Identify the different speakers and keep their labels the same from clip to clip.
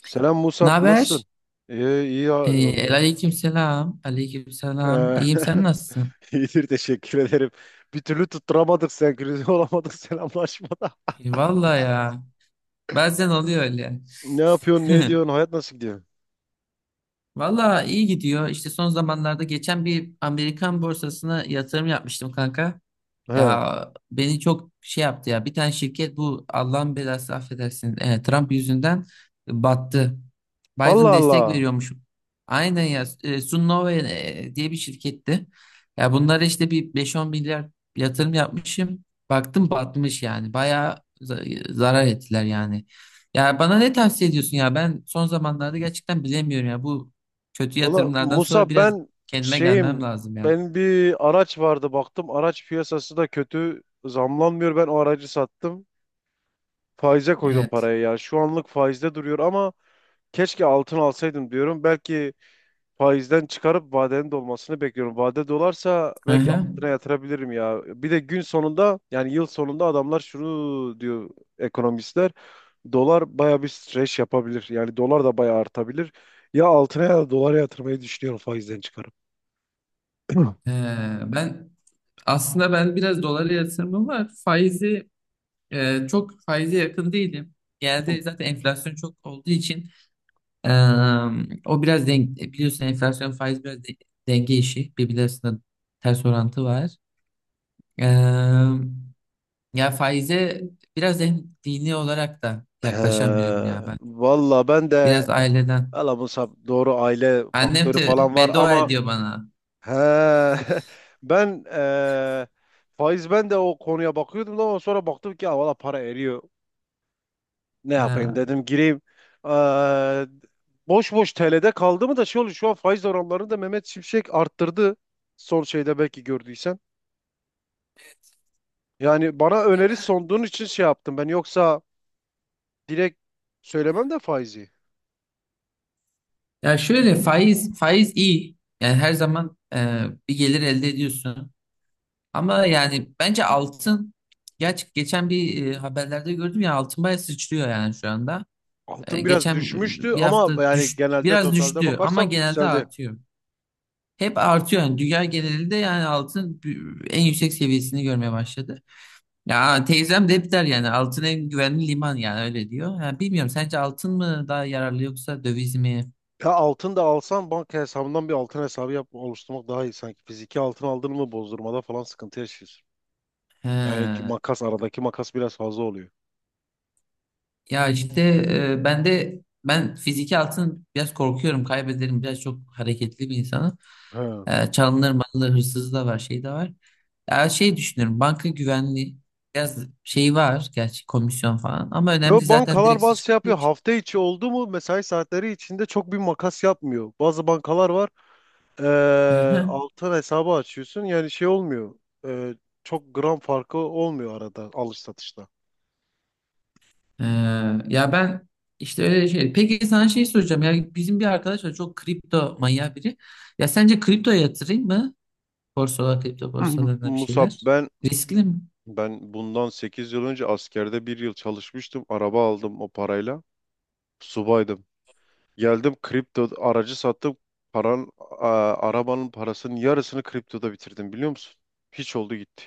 Speaker 1: Selam
Speaker 2: Ne
Speaker 1: Musab, nasılsın?
Speaker 2: haber?
Speaker 1: İyi, iyi ya.
Speaker 2: Aleyküm selam. Aleyküm selam.
Speaker 1: Eee,
Speaker 2: İyiyim, sen nasılsın?
Speaker 1: İyidir, teşekkür ederim. Bir türlü tutturamadık senkronize olamadık selamlaşmada.
Speaker 2: Vallahi ya. Bazen oluyor öyle.
Speaker 1: Ne yapıyorsun, ne ediyorsun, hayat nasıl gidiyor?
Speaker 2: Vallahi iyi gidiyor. İşte son zamanlarda geçen bir Amerikan borsasına yatırım yapmıştım kanka.
Speaker 1: He.
Speaker 2: Ya beni çok şey yaptı ya. Bir tane şirket, bu Allah'ın belası, affedersin, Trump yüzünden battı. Biden
Speaker 1: Allah
Speaker 2: destek
Speaker 1: Allah.
Speaker 2: veriyormuş. Aynen ya. Sunnova diye bir şirketti. Ya bunlara işte bir beş on milyar yatırım yapmışım. Baktım batmış yani. Bayağı zarar ettiler yani. Ya bana ne tavsiye ediyorsun ya? Ben son zamanlarda gerçekten bilemiyorum ya. Bu kötü
Speaker 1: Valla
Speaker 2: yatırımlardan sonra
Speaker 1: Musab,
Speaker 2: biraz kendime gelmem
Speaker 1: şeyim,
Speaker 2: lazım ya.
Speaker 1: ben bir araç vardı baktım. Araç piyasası da kötü, zamlanmıyor. Ben o aracı sattım. Faize koydum
Speaker 2: Evet.
Speaker 1: parayı ya. Şu anlık faizde duruyor ama keşke altın alsaydım diyorum. Belki faizden çıkarıp vadenin dolmasını bekliyorum. Vade dolarsa
Speaker 2: Hı
Speaker 1: belki
Speaker 2: hı.
Speaker 1: altına yatırabilirim ya. Bir de gün sonunda yani yıl sonunda adamlar şunu diyor ekonomistler. Dolar baya bir streç yapabilir. Yani dolar da baya artabilir. Ya altına ya da dolara yatırmayı düşünüyorum faizden çıkarıp.
Speaker 2: Ben aslında ben biraz dolara yatırımım var. Faizi, çok faize yakın değilim. Genelde zaten enflasyon çok olduğu için e, o biraz denk, biliyorsun enflasyon faiz biraz denge işi. Birbirleri arasında ters orantı var. E, ya faize biraz en dini olarak da
Speaker 1: He,
Speaker 2: yaklaşamıyorum ya ben.
Speaker 1: valla ben de
Speaker 2: Biraz aileden.
Speaker 1: valla Musab, doğru aile
Speaker 2: Annem
Speaker 1: faktörü
Speaker 2: de
Speaker 1: falan var
Speaker 2: beddua
Speaker 1: ama.
Speaker 2: ediyor bana.
Speaker 1: He. Ben eee ben de o konuya bakıyordum da, ama sonra baktım ki, "Aa, valla para eriyor. Ne yapayım
Speaker 2: Ha.
Speaker 1: dedim, gireyim." Eee, boş boş TL'de kaldı mı da şey oluyor, şu an faiz oranlarını da Mehmet Şimşek arttırdı. Son şeyde belki gördüysen. Yani bana öneri sunduğun için şey yaptım ben, yoksa direkt söylemem de faizi.
Speaker 2: Ya şöyle faiz faiz iyi. Yani her zaman bir gelir elde ediyorsun. Ama yani bence altın geçen bir haberlerde gördüm ya, altın bayağı sıçrıyor yani şu anda. E,
Speaker 1: Altın biraz
Speaker 2: geçen
Speaker 1: düşmüştü
Speaker 2: bir hafta
Speaker 1: ama yani genelde
Speaker 2: biraz
Speaker 1: totalde
Speaker 2: düştü ama
Speaker 1: bakarsak
Speaker 2: genelde
Speaker 1: yükseldi.
Speaker 2: artıyor. Hep artıyor yani dünya genelinde, yani altın en yüksek seviyesini görmeye başladı. Ya teyzem de hep der yani altın en güvenli liman, yani öyle diyor. Ya bilmiyorum, sence altın mı daha yararlı yoksa döviz mi?
Speaker 1: Ya altın da alsan banka hesabından bir altın hesabı yap, oluşturmak daha iyi sanki. Fiziki altın aldın mı bozdurmada falan sıkıntı yaşıyorsun. Yani ki
Speaker 2: He.
Speaker 1: makas, aradaki makas biraz fazla oluyor.
Speaker 2: Ya işte ben de ben fiziki altın biraz korkuyorum, kaybederim, biraz çok hareketli bir insanım.
Speaker 1: He.
Speaker 2: Çalınır malınır, hırsızı da var, şey de var. Ya şey düşünüyorum, banka güvenliği biraz şey var, gerçi komisyon falan ama
Speaker 1: Yo,
Speaker 2: önemli zaten
Speaker 1: bankalar
Speaker 2: direkt
Speaker 1: bazı şey
Speaker 2: sıçradığı
Speaker 1: yapıyor.
Speaker 2: için.
Speaker 1: Hafta içi oldu mu mesai saatleri içinde çok bir makas yapmıyor, bazı bankalar var.
Speaker 2: Hı hı.
Speaker 1: Altın hesabı açıyorsun, yani şey olmuyor. Ee, çok gram farkı olmuyor arada alış satışta.
Speaker 2: E, ya ben işte öyle şey. Peki sana şey soracağım ya, bizim bir arkadaş var, çok kripto manyağı biri. Ya sence kriptoya yatırayım mı? Borsalar kripto borsalarına bir
Speaker 1: Musab,
Speaker 2: şeyler.
Speaker 1: ben
Speaker 2: Riskli mi?
Speaker 1: ben bundan 8 yıl önce askerde bir yıl çalışmıştım. Araba aldım o parayla. Subaydım. Geldim, kripto aracı sattım. Arabanın parasının yarısını kriptoda bitirdim, biliyor musun? Hiç oldu gitti.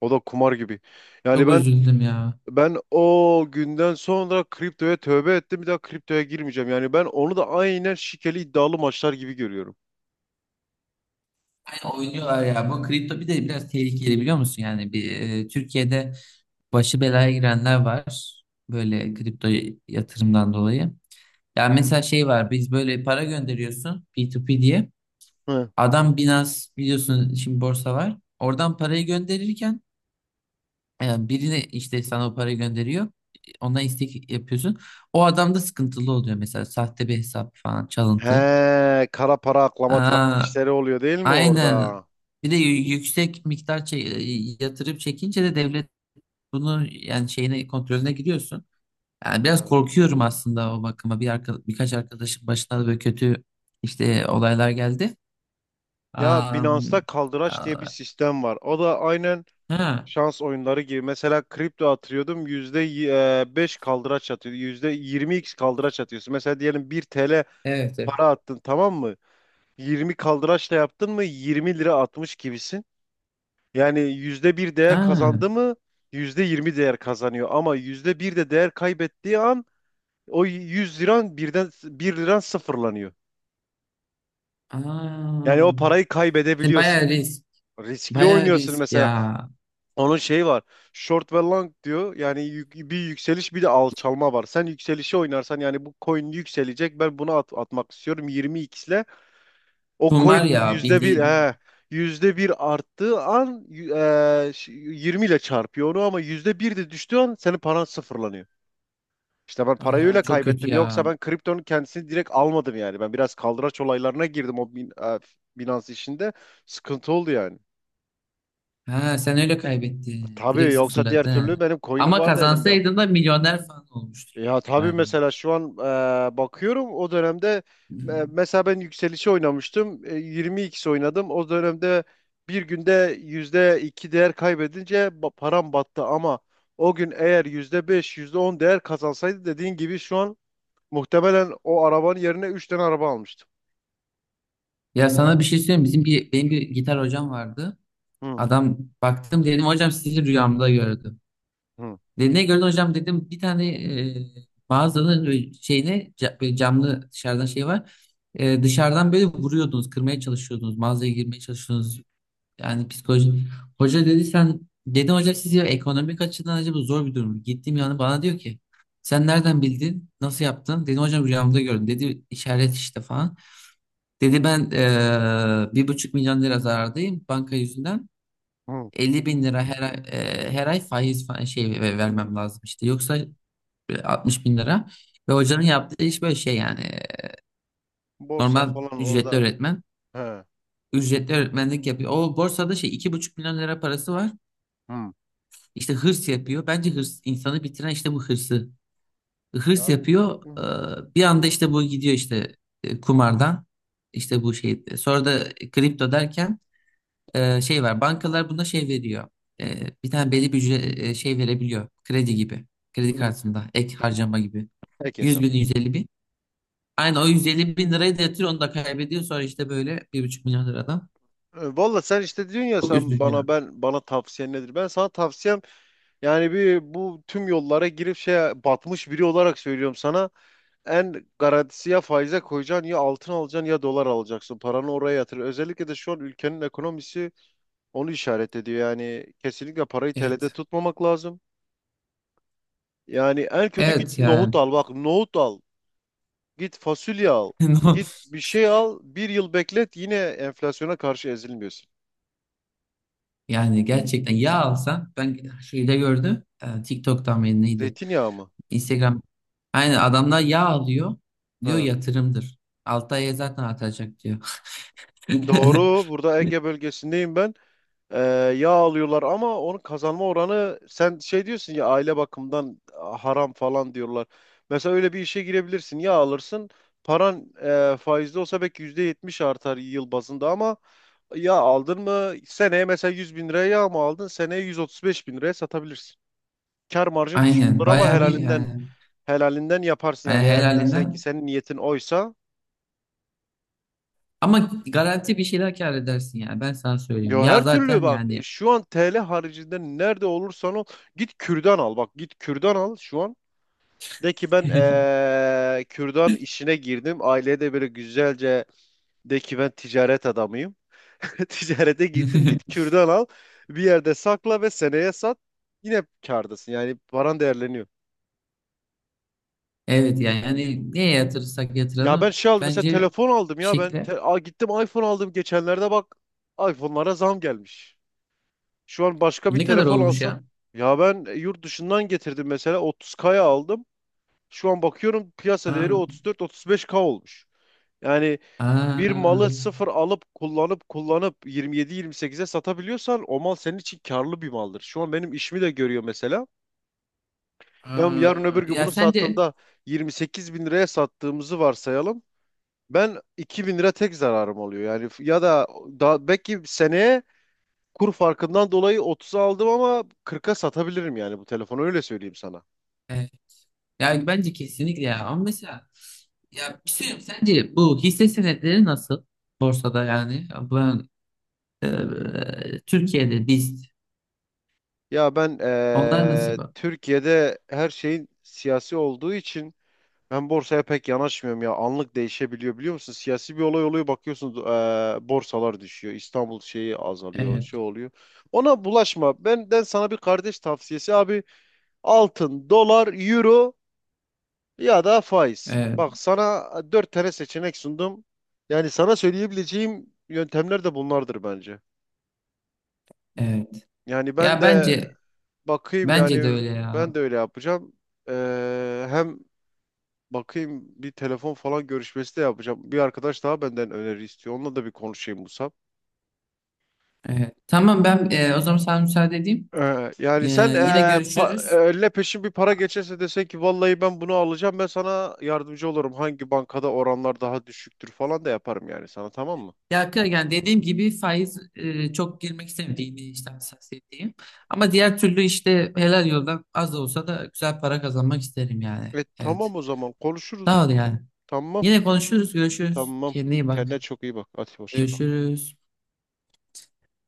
Speaker 1: O da kumar gibi. Yani
Speaker 2: Çok
Speaker 1: ben
Speaker 2: üzüldüm ya.
Speaker 1: ben o günden sonra kriptoya tövbe ettim. Bir daha kriptoya girmeyeceğim. Yani ben onu da aynen şikeli iddialı maçlar gibi görüyorum.
Speaker 2: Aynen oynuyorlar ya. Bu kripto bir de biraz tehlikeli, biliyor musun? Yani bir Türkiye'de başı belaya girenler var. Böyle kripto yatırımdan dolayı. Yani mesela şey var. Biz böyle para gönderiyorsun, P2P diye.
Speaker 1: Hı.
Speaker 2: Adam Binance biliyorsun, şimdi borsa var. Oradan parayı gönderirken birine işte sana o parayı gönderiyor. Ona istek yapıyorsun. O adam da sıkıntılı oluyor mesela. Sahte bir hesap falan, çalıntı.
Speaker 1: He, kara para aklama tarzı
Speaker 2: Aa,
Speaker 1: işleri oluyor değil mi
Speaker 2: aynen.
Speaker 1: orada?
Speaker 2: Bir de yüksek miktar yatırıp çekince de devlet bunu yani şeyine, kontrolüne giriyorsun. Yani biraz
Speaker 1: He.
Speaker 2: korkuyorum aslında o bakıma. Birkaç arkadaşın başına da böyle kötü işte olaylar geldi.
Speaker 1: Ya
Speaker 2: Am,
Speaker 1: Binance'da kaldıraç diye bir
Speaker 2: a-
Speaker 1: sistem var. O da aynen
Speaker 2: ha,
Speaker 1: şans oyunları gibi. Mesela kripto atıyordum, %5 kaldıraç atıyordu, yüzde yirmi x kaldıraç atıyorsun. Mesela diyelim 1 TL
Speaker 2: evet,
Speaker 1: para
Speaker 2: evet.
Speaker 1: attın, tamam mı? 20 kaldıraçla yaptın mı 20 lira atmış gibisin. Yani %1 değer
Speaker 2: Ha,
Speaker 1: kazandı mı %20 değer kazanıyor. Ama %1 de değer kaybettiği an o 100 liran birden, bir liran, sıfırlanıyor. Yani o
Speaker 2: aa.
Speaker 1: parayı
Speaker 2: Yani
Speaker 1: kaybedebiliyorsun.
Speaker 2: bayağı risk.
Speaker 1: Riskli
Speaker 2: Bayağı
Speaker 1: oynuyorsun
Speaker 2: risk
Speaker 1: mesela.
Speaker 2: ya.
Speaker 1: Onun şeyi var. Short ve long diyor. Yani bir yükseliş bir de alçalma var. Sen yükselişi oynarsan, yani bu coin yükselecek. Ben bunu atmak istiyorum 20x ile. O
Speaker 2: Kumar
Speaker 1: coin
Speaker 2: ya
Speaker 1: %1,
Speaker 2: bildiğin.
Speaker 1: he, yüzde bir arttığı an 20 ile çarpıyor onu, ama %1 de düştüğü an senin paran sıfırlanıyor. İşte ben parayı
Speaker 2: Aa,
Speaker 1: öyle
Speaker 2: çok kötü
Speaker 1: kaybettim. Yoksa
Speaker 2: ya.
Speaker 1: ben kriptonun kendisini direkt almadım yani. Ben biraz kaldıraç olaylarına girdim o Binance işinde. Sıkıntı oldu yani.
Speaker 2: Ha, sen öyle kaybettin.
Speaker 1: Tabii
Speaker 2: Direkt
Speaker 1: yoksa diğer
Speaker 2: sıfırladı,
Speaker 1: türlü
Speaker 2: ha.
Speaker 1: benim coin'im
Speaker 2: Ama
Speaker 1: vardı elimde.
Speaker 2: kazansaydın da milyoner falan olmuştun
Speaker 1: Ya tabii
Speaker 2: galiba.
Speaker 1: mesela şu an, bakıyorum o dönemde, mesela ben yükselişi oynamıştım. 22'si oynadım. O dönemde bir günde %2 değer kaybedince param battı, ama o gün eğer %5 yüzde on değer kazansaydı, dediğin gibi şu an muhtemelen o arabanın yerine 3 tane araba almıştım.
Speaker 2: Ya sana bir şey söyleyeyim. Bizim bir benim bir gitar hocam vardı.
Speaker 1: Hı,
Speaker 2: Adam, baktım, dedim hocam sizi rüyamda gördüm.
Speaker 1: hı,
Speaker 2: Dedi ne gördün hocam, dedim bir tane e, mağazanın böyle şeyine, böyle camlı dışarıdan şey var. Dışarıdan böyle vuruyordunuz, kırmaya çalışıyordunuz, mağazaya girmeye çalışıyordunuz. Yani psikoloji hoca, dedi sen, dedim hocam siz, ya ekonomik açıdan acaba zor bir durum. Gittiğim yani, bana diyor ki sen nereden bildin? Nasıl yaptın? Dedim hocam rüyamda gördüm. Dedi işaret işte falan. Dedi ben 1,5 milyon lira zarardayım banka yüzünden.
Speaker 1: hı.
Speaker 2: 50 bin lira her ay faiz falan şey vermem lazım işte. Yoksa 60 bin lira. Ve hocanın yaptığı iş böyle şey yani,
Speaker 1: Borsa
Speaker 2: normal
Speaker 1: falan
Speaker 2: ücretli
Speaker 1: orada.
Speaker 2: öğretmen.
Speaker 1: He.
Speaker 2: Ücretli öğretmenlik yapıyor. O borsada şey, 2,5 milyon lira parası var.
Speaker 1: Hı.
Speaker 2: İşte hırs yapıyor. Bence hırs insanı bitiren, işte bu hırsı.
Speaker 1: Ya,
Speaker 2: Hırs yapıyor.
Speaker 1: hı,
Speaker 2: Bir anda işte bu gidiyor, işte kumardan. İşte bu şey. Sonra da kripto derken şey var. Bankalar buna şey veriyor. E, Bir tane belli bir şey verebiliyor. Kredi gibi. Kredi
Speaker 1: hı.
Speaker 2: kartında ek harcama gibi.
Speaker 1: Peki.
Speaker 2: 100 bin, 150 bin. Aynı o 150 bin lirayı da yatırıyor, onu da kaybediyor. Sonra işte böyle, 1,5 milyon liradan.
Speaker 1: Valla sen işte diyorsun ya,
Speaker 2: Çok
Speaker 1: sen
Speaker 2: üzücü
Speaker 1: bana
Speaker 2: yani.
Speaker 1: ben bana, tavsiyen nedir? Ben sana tavsiyem yani, bir bu tüm yollara girip şey batmış biri olarak söylüyorum sana. En garantisi, ya faize koyacaksın, ya altın alacaksın, ya dolar alacaksın. Paranı oraya yatır. Özellikle de şu an ülkenin ekonomisi onu işaret ediyor. Yani kesinlikle parayı TL'de
Speaker 2: Evet.
Speaker 1: tutmamak lazım. Yani en kötü git
Speaker 2: Evet
Speaker 1: nohut
Speaker 2: yani.
Speaker 1: al. Bak, nohut al. Git fasulye al.
Speaker 2: No-
Speaker 1: Git bir şey al. Bir yıl beklet, yine enflasyona karşı ezilmiyorsun.
Speaker 2: Yani gerçekten yağ alsan, ben şeyde gördüm TikTok'tan mı neydi,
Speaker 1: Zeytinyağı mı?
Speaker 2: Instagram, aynen, adamlar yağ alıyor diyor,
Speaker 1: He.
Speaker 2: yatırımdır, 6 aya zaten atacak diyor.
Speaker 1: Doğru. Burada Ege bölgesindeyim ben. Ee, yağ alıyorlar ama onun kazanma oranı, sen şey diyorsun ya, aile bakımından haram falan diyorlar. Mesela öyle bir işe girebilirsin. Yağ alırsın. Paran faizli olsa belki %70 artar yıl bazında, ama yağ aldın mı seneye mesela 100.000 liraya yağ mı aldın, seneye 135.000 liraya satabilirsin. Kar marjın düşük
Speaker 2: Aynen
Speaker 1: olur ama
Speaker 2: bayağı bir
Speaker 1: helalinden
Speaker 2: yani,
Speaker 1: helalinden yaparsın yani,
Speaker 2: yani
Speaker 1: eğer desen ki
Speaker 2: helalinden
Speaker 1: senin niyetin oysa.
Speaker 2: ama garanti bir şeyler kâr edersin yani, ben sana söyleyeyim
Speaker 1: Ya
Speaker 2: ya
Speaker 1: her türlü,
Speaker 2: zaten
Speaker 1: bak
Speaker 2: yani.
Speaker 1: şu an TL haricinde nerede olursan ol, git kürdan al, bak git kürdan al şu an, de ki ben, kürdan işine girdim, aileye de böyle güzelce de ki ben ticaret adamıyım. Ticarete gittim, git kürdan al, bir yerde sakla ve seneye sat, yine kârdasın, yani paran değerleniyor.
Speaker 2: Evet yani, neye yatırırsak
Speaker 1: Ya ben
Speaker 2: yatıralım,
Speaker 1: şey aldım, mesela
Speaker 2: bence
Speaker 1: telefon aldım
Speaker 2: bir
Speaker 1: ya, ben
Speaker 2: şekilde.
Speaker 1: gittim iPhone aldım geçenlerde, bak iPhone'lara zam gelmiş. Şu an başka bir
Speaker 2: Ne kadar
Speaker 1: telefon
Speaker 2: olmuş
Speaker 1: alsam.
Speaker 2: ya?
Speaker 1: Ya ben, yurt dışından getirdim, mesela 30 kaya aldım. Şu an bakıyorum piyasa değeri
Speaker 2: Aa,
Speaker 1: 34-35K olmuş. Yani bir
Speaker 2: aa,
Speaker 1: malı sıfır alıp kullanıp kullanıp 27-28'e satabiliyorsan, o mal senin için karlı bir maldır. Şu an benim işimi de görüyor mesela. Ben yarın öbür
Speaker 2: aa.
Speaker 1: gün
Speaker 2: Ya
Speaker 1: bunu
Speaker 2: sence
Speaker 1: sattığımda 28 bin liraya sattığımızı varsayalım. Ben 2 bin lira tek zararım oluyor. Yani ya da, daha belki seneye kur farkından dolayı 30'a aldım ama 40'a satabilirim yani, bu telefonu öyle söyleyeyim sana.
Speaker 2: e, ya bence kesinlikle ya, ama mesela ya bir şey söyleyeyim, sence bu hisse senetleri nasıl borsada? Yani ben Türkiye'de biz,
Speaker 1: Ya ben,
Speaker 2: onlar nasıl bu?
Speaker 1: Türkiye'de her şeyin siyasi olduğu için ben borsaya pek yanaşmıyorum ya. Anlık değişebiliyor, biliyor musun? Siyasi bir olay oluyor, bakıyorsun borsalar düşüyor. İstanbul şeyi azalıyor,
Speaker 2: Evet,
Speaker 1: şey oluyor. Ona bulaşma. Benden sana bir kardeş tavsiyesi abi. Altın, dolar, euro ya da faiz.
Speaker 2: evet,
Speaker 1: Bak sana dört tane seçenek sundum. Yani sana söyleyebileceğim yöntemler de bunlardır bence.
Speaker 2: evet.
Speaker 1: Yani ben
Speaker 2: Ya
Speaker 1: de
Speaker 2: bence,
Speaker 1: bakayım
Speaker 2: bence de
Speaker 1: yani,
Speaker 2: öyle
Speaker 1: ben
Speaker 2: ya.
Speaker 1: de öyle yapacağım. Hem bakayım, bir telefon falan görüşmesi de yapacağım. Bir arkadaş daha benden öneri istiyor, onunla da bir konuşayım Musab.
Speaker 2: Evet. Tamam ben, o zaman sana müsaade edeyim. E,
Speaker 1: Yani sen,
Speaker 2: yine görüşürüz.
Speaker 1: eline peşin bir para geçerse, desen ki vallahi ben bunu alacağım, ben sana yardımcı olurum. Hangi bankada oranlar daha düşüktür falan da yaparım yani sana, tamam mı?
Speaker 2: Ya yani dediğim gibi faiz çok girmek istemediğini işte hassasiyetliyim. Ama diğer türlü işte helal yoldan az da olsa da güzel para kazanmak isterim yani. Evet.
Speaker 1: Tamam, o zaman konuşuruz.
Speaker 2: Sağ ol yani.
Speaker 1: Tamam.
Speaker 2: Yine konuşuruz, görüşürüz.
Speaker 1: Tamam.
Speaker 2: Kendine iyi bak.
Speaker 1: Kendine çok iyi bak. Hadi hoşça kal.
Speaker 2: Görüşürüz.